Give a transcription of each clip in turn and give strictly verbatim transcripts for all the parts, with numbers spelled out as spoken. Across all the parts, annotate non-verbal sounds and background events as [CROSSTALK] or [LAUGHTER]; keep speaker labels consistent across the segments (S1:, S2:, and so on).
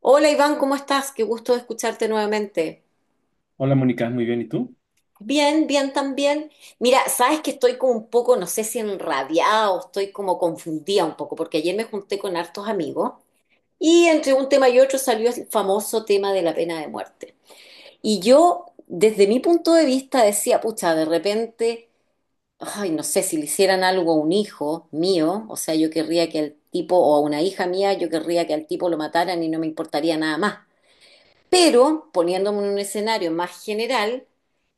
S1: Hola Iván, ¿cómo estás? Qué gusto escucharte nuevamente.
S2: Hola Mónica, muy bien, ¿y tú?
S1: Bien, bien también. Mira, sabes que estoy como un poco, no sé si enrabiada o estoy como confundida un poco, porque ayer me junté con hartos amigos y entre un tema y otro salió el famoso tema de la pena de muerte. Y yo, desde mi punto de vista, decía, pucha, de repente, ay, no sé, si le hicieran algo a un hijo mío, o sea, yo querría que al tipo, o a una hija mía, yo querría que al tipo lo mataran y no me importaría nada más. Pero poniéndome en un escenario más general,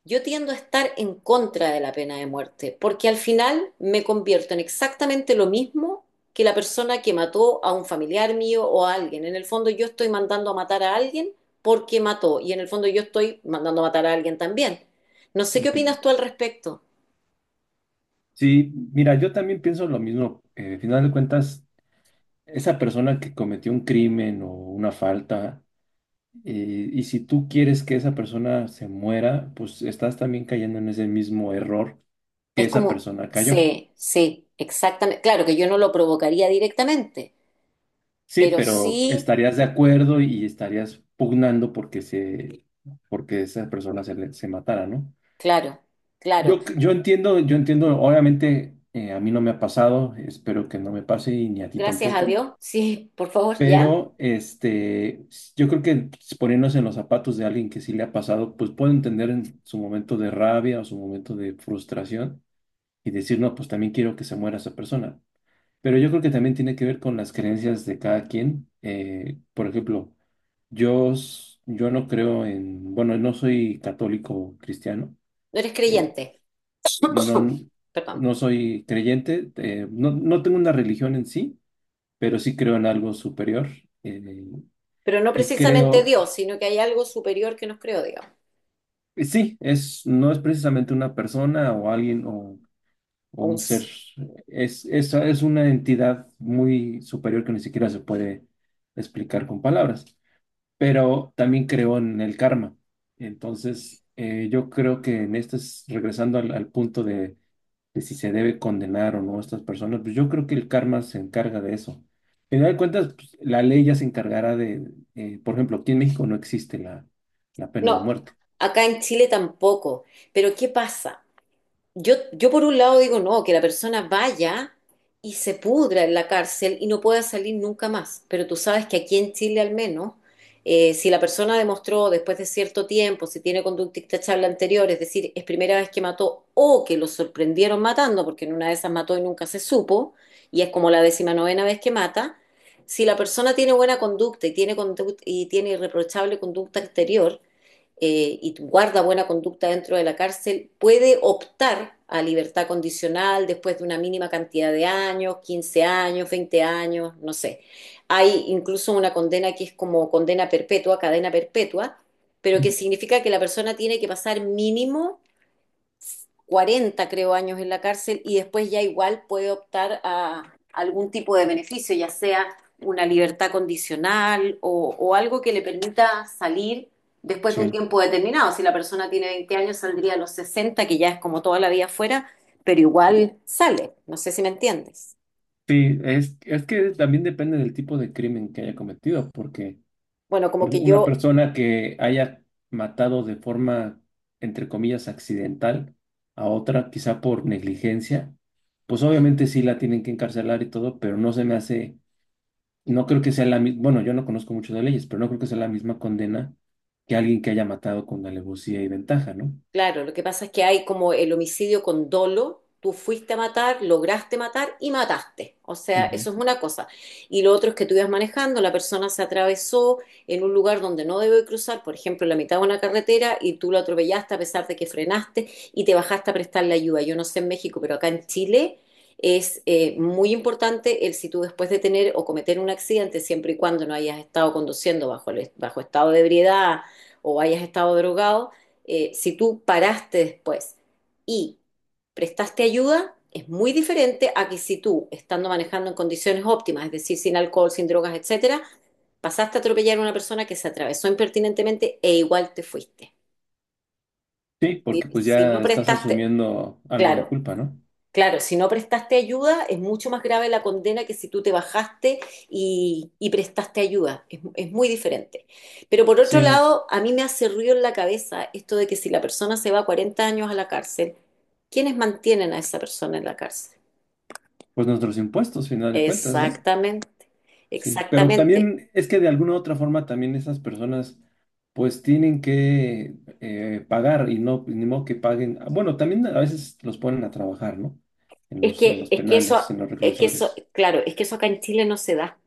S1: yo tiendo a estar en contra de la pena de muerte, porque al final me convierto en exactamente lo mismo que la persona que mató a un familiar mío o a alguien. En el fondo yo estoy mandando a matar a alguien porque mató y en el fondo yo estoy mandando a matar a alguien también. No sé qué
S2: Ujú.
S1: opinas tú al respecto.
S2: Sí, mira, yo también pienso lo mismo. Eh, al final de cuentas, esa persona que cometió un crimen o una falta, eh, y si tú quieres que esa persona se muera, pues estás también cayendo en ese mismo error que
S1: Es
S2: esa
S1: como,
S2: persona cayó.
S1: sí, sí, exactamente. Claro que yo no lo provocaría directamente,
S2: Sí,
S1: pero
S2: pero
S1: sí,
S2: estarías de acuerdo y estarías pugnando porque se, porque esa persona se, le- se matara, ¿no?
S1: claro, claro.
S2: Yo, yo entiendo, yo entiendo, obviamente eh, a mí no me ha pasado, espero que no me pase y ni a ti
S1: Gracias a
S2: tampoco.
S1: Dios. [LAUGHS] Sí, por favor, ya.
S2: Pero este, yo creo que pues, poniéndose en los zapatos de alguien que sí le ha pasado, pues puedo entender en su momento de rabia o su momento de frustración y decir, no, pues también quiero que se muera esa persona. Pero yo creo que también tiene que ver con las creencias de cada quien. Eh, por ejemplo, yo, s- yo no creo en, bueno, no soy católico cristiano,
S1: No eres
S2: eh,
S1: creyente.
S2: no,
S1: [COUGHS] [CLEARS THROAT] Perdón.
S2: no soy creyente, eh, no, no tengo una religión en sí, pero sí creo en algo superior. eh,
S1: Pero no
S2: y
S1: precisamente
S2: creo
S1: Dios, sino que hay algo superior que nos creó, digamos.
S2: Y sí, es, no es precisamente una persona o alguien o, o
S1: Un
S2: un ser.
S1: s-
S2: Es, es, es una entidad muy superior que ni siquiera se puede explicar con palabras, pero también creo en el karma. Entonces, eh, yo creo que en este, es- regresando al, al punto de, de si se debe condenar o no a estas personas, pues yo creo que el karma se encarga de eso. Al final de cuentas, pues, la ley ya se encargará de, eh, por ejemplo, aquí en México no existe la, la pena de
S1: No,
S2: muerte.
S1: acá en Chile tampoco. Pero ¿qué pasa? Yo, yo por un lado digo, no, que la persona vaya y se pudra en la cárcel y no pueda salir nunca más. Pero tú sabes que aquí en Chile al menos, eh, si la persona demostró después de cierto tiempo, si tiene conducta intachable anterior, es decir, es primera vez que mató o que lo sorprendieron matando, porque en una de esas mató y nunca se supo, y es como la décima novena vez que mata, si la persona tiene buena conducta y tiene, conduct- y tiene irreprochable conducta anterior, eh, y guarda buena conducta dentro de la cárcel, puede optar a libertad condicional después de una mínima cantidad de años, quince años, veinte años, no sé. Hay incluso una condena que es como condena perpetua, cadena perpetua, pero que
S2: Ujú.
S1: significa que la persona tiene que pasar mínimo cuarenta creo, años en la cárcel y después ya igual puede optar a algún tipo de beneficio, ya sea una libertad condicional o, o algo que le permita salir después de un
S2: Sí.
S1: tiempo determinado. Si la persona tiene veinte años, saldría a los sesenta que ya es como toda la vida fuera, pero igual sale. No sé si me entiendes.
S2: Sí, es, es que también depende del tipo de crimen que haya cometido, porque,
S1: Bueno, como
S2: porque
S1: que
S2: una
S1: yo.
S2: persona que haya matado de forma, entre comillas, accidental a otra, quizá por negligencia, pues obviamente sí la tienen que encarcelar y todo, pero no se me hace, no creo que sea la misma, bueno, yo no conozco mucho de leyes, pero no creo que sea la misma condena que alguien que haya matado con alevosía y ventaja, ¿no?
S1: Claro, lo que pasa es que hay como el homicidio con dolo, tú fuiste a matar, lograste matar y mataste. O sea,
S2: Ujú.
S1: eso es una cosa. Y lo otro es que tú ibas manejando, la persona se atravesó en un lugar donde no debe cruzar, por ejemplo, la mitad de una carretera y tú lo atropellaste a pesar de que frenaste y te bajaste a prestarle ayuda. Yo no sé en México, pero acá en Chile es eh, muy importante el si tú después de tener o cometer un accidente, siempre y cuando no hayas estado conduciendo bajo, el- bajo estado de ebriedad o hayas estado drogado, eh, si tú paraste después y prestaste ayuda, es muy diferente a que si tú, estando manejando en condiciones óptimas, es decir, sin alcohol, sin drogas, etcétera, pasaste a atropellar a una persona que se atravesó impertinentemente e igual te fuiste.
S2: Sí,
S1: Si,
S2: porque pues
S1: si no
S2: ya estás
S1: prestaste,
S2: asumiendo algo de
S1: claro.
S2: culpa, ¿no?
S1: Claro, si no prestaste ayuda, es mucho más grave la condena que si tú te bajaste y, y prestaste ayuda. Es, es muy diferente. Pero por otro
S2: Sí,
S1: lado, a mí me hace ruido en la cabeza esto de que si la persona se va cuarenta años a la cárcel, ¿quiénes mantienen a esa persona en la cárcel?
S2: pues nuestros impuestos, final de cuentas, ¿no?
S1: Exactamente,
S2: Sí, pero
S1: exactamente.
S2: también es que de alguna u otra forma también esas personas pues tienen que eh, pagar y no, ni modo que paguen. Ah, bueno, también a veces los ponen a trabajar, ¿no? En
S1: Es
S2: los, en
S1: que,
S2: los
S1: es que eso,
S2: penales, en los
S1: es que eso,
S2: reclusorios.
S1: claro, es que eso acá en Chile no se da.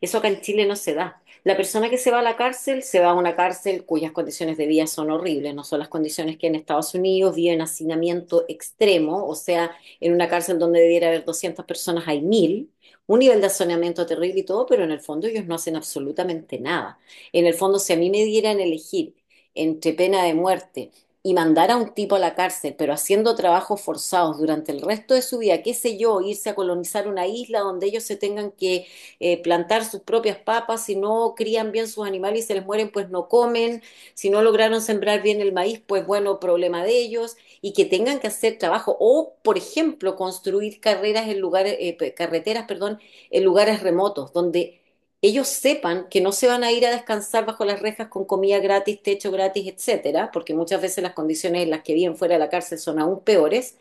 S1: Eso acá en Chile no se da. La persona que se va a la cárcel se va a una cárcel cuyas condiciones de vida son horribles, no son las condiciones que en Estados Unidos vive en hacinamiento extremo, o sea, en una cárcel donde debiera haber doscientas personas, hay mil. Un nivel de hacinamiento terrible y todo, pero en el fondo ellos no hacen absolutamente nada. En el fondo, si a mí me dieran elegir entre pena de muerte y mandar a un tipo a la cárcel, pero haciendo trabajos forzados durante el resto de su vida, qué sé yo, irse a colonizar una isla donde ellos se tengan que eh, plantar sus propias papas, si no crían bien sus animales y se les mueren, pues no comen, si no lograron sembrar bien el maíz, pues bueno, problema de ellos, y que tengan que hacer trabajo, o por ejemplo, construir carreras en lugares, eh, carreteras, perdón, en lugares remotos, donde ellos sepan que no se van a ir a descansar bajo las rejas con comida gratis, techo gratis, etcétera, porque muchas veces las condiciones en las que viven fuera de la cárcel son aún peores,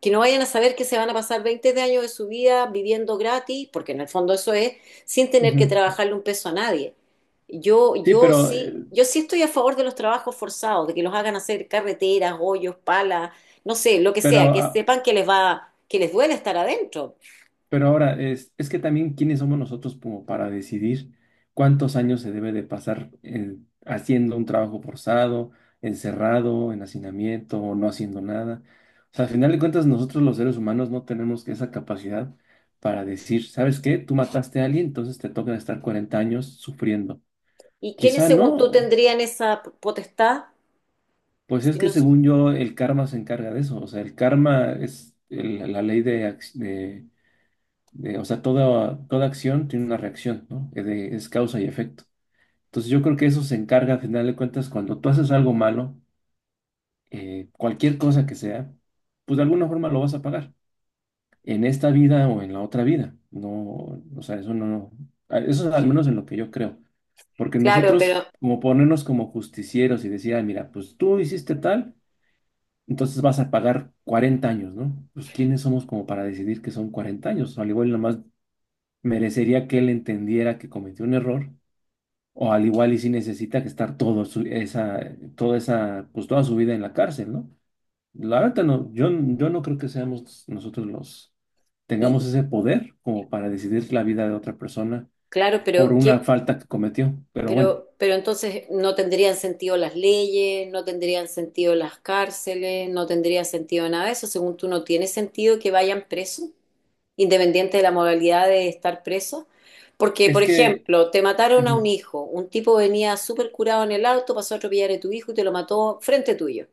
S1: que no vayan a saber que se van a pasar veinte años de su vida viviendo gratis, porque en el fondo eso es, sin tener que
S2: Ujú.
S1: trabajarle un peso a nadie. Yo,
S2: Sí,
S1: yo
S2: pero, eh,
S1: sí, yo sí estoy a favor de los trabajos forzados, de que los hagan hacer carreteras, hoyos, palas, no sé, lo que
S2: pero
S1: sea, que
S2: ah,
S1: sepan que les va, que les duele estar adentro.
S2: Pero ahora es, es que también quiénes somos nosotros como para decidir cuántos años se debe de pasar en- haciendo un trabajo forzado, encerrado, en hacinamiento o no haciendo nada. O sea, al final de cuentas nosotros los seres humanos no tenemos esa capacidad para decir, ¿sabes qué? Tú mataste a alguien, entonces te toca estar cuarenta años sufriendo.
S1: ¿Y quiénes,
S2: Quizá
S1: según tú,
S2: no,
S1: tendrían esa potestad?
S2: pues es
S1: Si
S2: que
S1: no son-
S2: según yo el karma se encarga de eso. O sea, el karma es el- la ley de, eh, o sea, toda, toda acción tiene una reacción, ¿no? Eh, de- es causa y efecto. Entonces yo creo que eso se encarga, al final de cuentas, cuando tú haces algo malo, eh, cualquier cosa que sea, pues de alguna forma lo vas a pagar, en esta vida o en la otra vida. No, o sea, eso no, a- eso es al menos en lo que yo creo. Porque
S1: Claro, pero,
S2: nosotros, como ponernos como justicieros y decir, ah, mira, pues tú hiciste tal, entonces vas a pagar cuarenta años, ¿no? Pues ¿quiénes somos como para decidir que son cuarenta años? Al igual nomás merecería que él entendiera que cometió un error, o al igual y si necesita que estar todo su- esa, toda esa, pues toda su vida en la cárcel, ¿no? La verdad no, yo, yo no creo que seamos nosotros los, tengamos
S1: y,
S2: ese poder como para decidir la vida de otra persona
S1: claro,
S2: por
S1: pero.
S2: una
S1: ¿qué-
S2: falta que cometió. Pero bueno,
S1: Pero, pero entonces no tendrían sentido las leyes, no tendrían sentido las cárceles, no tendría sentido nada de eso. Según tú, no tiene sentido que vayan presos, independiente de la modalidad de estar presos. Porque, por
S2: es que,
S1: ejemplo, te mataron a un
S2: ujú,
S1: hijo, un tipo venía súper curado en el auto, pasó a atropellar a tu hijo y te lo mató frente tuyo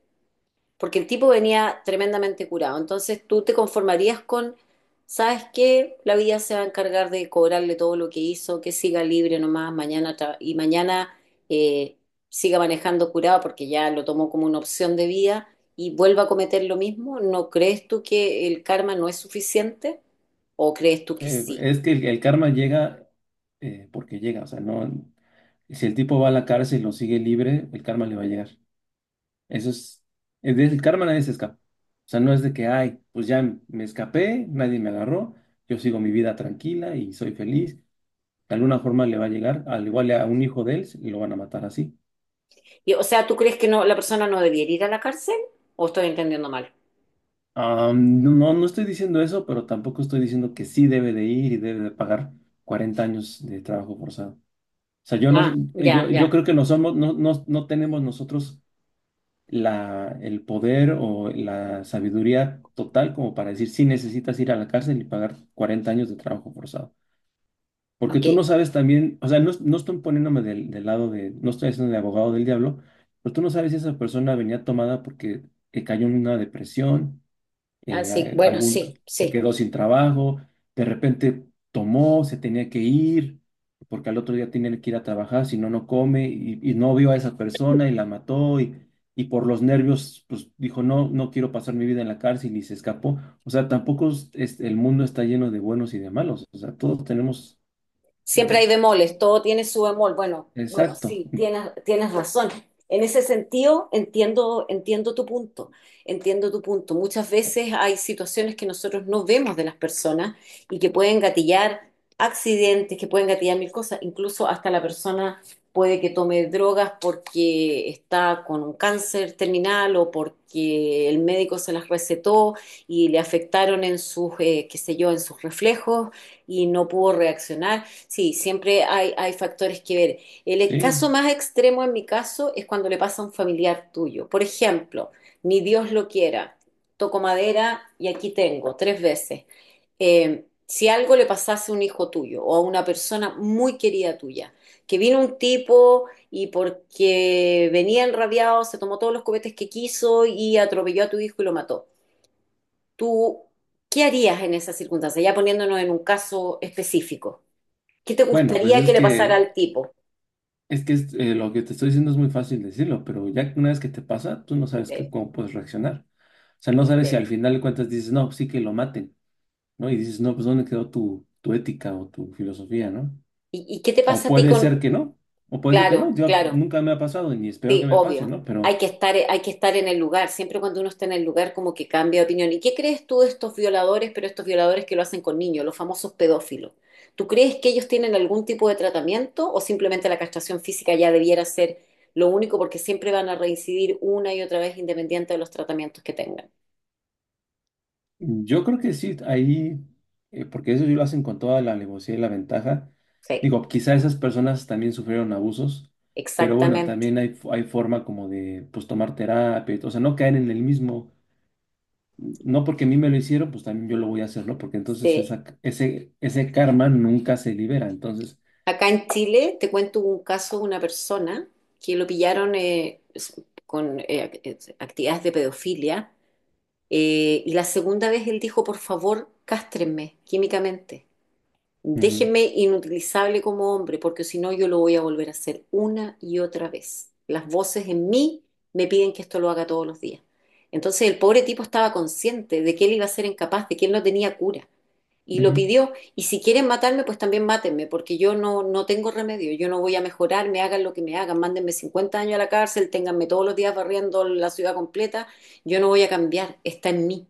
S1: porque el tipo venía tremendamente curado. Entonces tú te conformarías con, ¿sabes qué? La vida se va a encargar de cobrarle todo lo que hizo, que siga libre nomás mañana tra- y mañana eh, siga manejando curado porque ya lo tomó como una opción de vida y vuelva a cometer lo mismo. ¿No crees tú que el karma no es suficiente? ¿O crees tú que
S2: eh,
S1: sí?
S2: es que el, el karma llega eh, porque llega, o sea, no, si el tipo va a la cárcel y lo sigue libre, el karma le va a llegar. Eso es, es de- el karma nadie se escapa. O sea, no es de que, ay, pues ya me escapé, nadie me agarró, yo sigo mi vida tranquila y soy feliz. De alguna forma le va a llegar, al igual a un hijo de él, y lo van a matar así.
S1: Y, o sea, ¿tú crees que no, la persona no debería ir a la cárcel? ¿O estoy entendiendo mal?
S2: Ah, no, no no estoy diciendo eso, pero tampoco estoy diciendo que sí debe de ir y debe de pagar cuarenta años de trabajo forzado. O sea, yo no,
S1: Ah, ya,
S2: yo, yo
S1: ya.
S2: creo que no somos, no, no, no tenemos nosotros la, el poder o la sabiduría total como para decir si necesitas ir a la cárcel y pagar cuarenta años de trabajo forzado. Porque
S1: Ok.
S2: tú no sabes también, o sea, no, no estoy poniéndome del, del lado de, no estoy haciendo de abogado del diablo, pero tú no sabes si esa persona venía tomada porque eh, cayó en una depresión,
S1: Ah, sí,
S2: eh,
S1: bueno, sí,
S2: algún se
S1: sí.
S2: quedó sin trabajo, de repente tomó, se tenía que ir, porque al otro día tenía que ir a trabajar, si no, no come, y, y no vio a esa persona y la mató, y, y por los nervios, pues dijo, no, no quiero pasar mi vida en la cárcel y se escapó. O sea, tampoco es- es- el mundo está lleno de buenos y de malos, o sea, todos tenemos,
S1: Siempre
S2: eh,
S1: hay bemoles, todo tiene su bemol. Bueno, bueno,
S2: exacto,
S1: sí, tienes, tienes razón. En ese sentido, entiendo, entiendo tu punto, entiendo tu punto. Muchas veces hay situaciones que nosotros no vemos de las personas y que pueden gatillar accidentes, que pueden gatillar mil cosas. Incluso hasta la persona puede que tome drogas porque está con un cáncer terminal o porque el médico se las recetó y le afectaron en sus, eh, qué sé yo, en sus reflejos y no pudo reaccionar. Sí, siempre hay, hay factores que ver. El e-
S2: sí.
S1: caso más extremo en mi caso es cuando le pasa a un familiar tuyo. Por ejemplo, ni Dios lo quiera, toco madera y aquí tengo tres veces. Eh, si algo le pasase a un hijo tuyo o a una persona muy querida tuya, que vino un tipo y porque venía enrabiado se tomó todos los cohetes que quiso y atropelló a tu hijo y lo mató. ¿Tú qué harías en esa circunstancia? Ya poniéndonos en un caso específico. ¿Qué te
S2: Bueno, pues
S1: gustaría
S2: es
S1: que le pasara
S2: que
S1: al tipo?
S2: es que es, eh, lo que te estoy diciendo es muy fácil decirlo, pero ya una vez que te pasa, tú no sabes qué-
S1: Sí,
S2: cómo puedes reaccionar. O sea, no sabes
S1: sí.
S2: si al final de cuentas dices, no, sí que lo maten, ¿no? Y dices, no, pues ¿dónde quedó tu, tu ética o tu filosofía, ¿no?
S1: ¿Y, y qué te
S2: O
S1: pasa a ti
S2: puede
S1: con...?
S2: ser que no, o puede ser que no.
S1: Claro,
S2: Yo
S1: claro,
S2: nunca me ha pasado y ni espero que
S1: sí,
S2: me pase,
S1: obvio.
S2: ¿no?
S1: Hay
S2: Pero
S1: que estar, hay que estar en el lugar. Siempre cuando uno está en el lugar como que cambia de opinión. ¿Y qué crees tú de estos violadores, pero estos violadores que lo hacen con niños, los famosos pedófilos? ¿Tú crees que ellos tienen algún tipo de tratamiento o simplemente la castración física ya debiera ser lo único porque siempre van a reincidir una y otra vez independiente de los tratamientos que tengan?
S2: yo creo que sí, ahí, eh, porque eso sí lo hacen con toda la alevosía y la ventaja.
S1: Sí,
S2: Digo, quizá esas personas también sufrieron abusos, pero bueno,
S1: exactamente.
S2: también hay, hay forma como de, pues, tomar terapia, y todo, o sea, no caer en el mismo, no porque a mí me lo hicieron, pues también yo lo voy a hacer, ¿no? Porque entonces
S1: Sí,
S2: esa, ese, ese karma nunca se libera, entonces,
S1: acá en Chile te cuento un caso de una persona que lo pillaron eh, s- con eh, ac- eh, actividades de pedofilia eh, y la segunda vez él dijo, por favor, cástrenme químicamente,
S2: ujú,
S1: déjenme inutilizable como hombre porque si no yo lo voy a volver a hacer una y otra vez. Las voces en mí me piden que esto lo haga todos los días. Entonces el pobre tipo estaba consciente de que él iba a ser incapaz, de que él no tenía cura y lo
S2: ujú,
S1: pidió. Y si quieren matarme, pues también mátenme, porque yo no, no tengo remedio, yo no voy a mejorar, me hagan lo que me hagan, mándenme cincuenta años a la cárcel, ténganme todos los días barriendo la ciudad completa, yo no voy a cambiar, está en mí.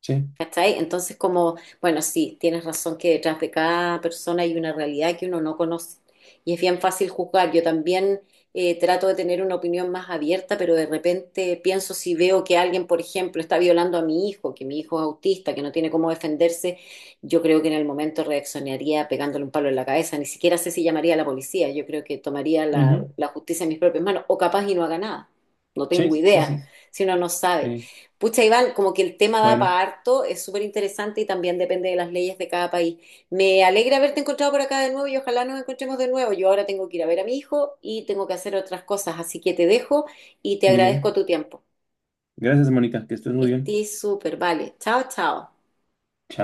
S2: sí,
S1: ¿Cachai? Entonces, como, bueno, sí, tienes razón que detrás de cada persona hay una realidad que uno no conoce y es bien fácil juzgar. Yo también eh, trato de tener una opinión más abierta, pero de repente pienso si veo que alguien, por ejemplo, está violando a mi hijo, que mi hijo es autista, que no tiene cómo defenderse, yo creo que en el momento reaccionaría pegándole un palo en la cabeza. Ni siquiera sé si llamaría a la policía. Yo creo que tomaría la,
S2: ujú,
S1: la justicia en mis propias manos o capaz y no haga nada. No tengo
S2: sí, sí,
S1: idea,
S2: sí,
S1: si uno no sabe.
S2: sí.
S1: Pucha, Iván, como que el tema da
S2: Bueno,
S1: para harto, es súper interesante y también depende de las leyes de cada país. Me alegra haberte encontrado por acá de nuevo y ojalá nos encontremos de nuevo. Yo ahora tengo que ir a ver a mi hijo y tengo que hacer otras cosas, así que te dejo y te
S2: muy
S1: agradezco
S2: bien.
S1: tu tiempo.
S2: Gracias, Mónica, que estés muy bien.
S1: Estoy súper, vale. Chao, chao.
S2: Chao.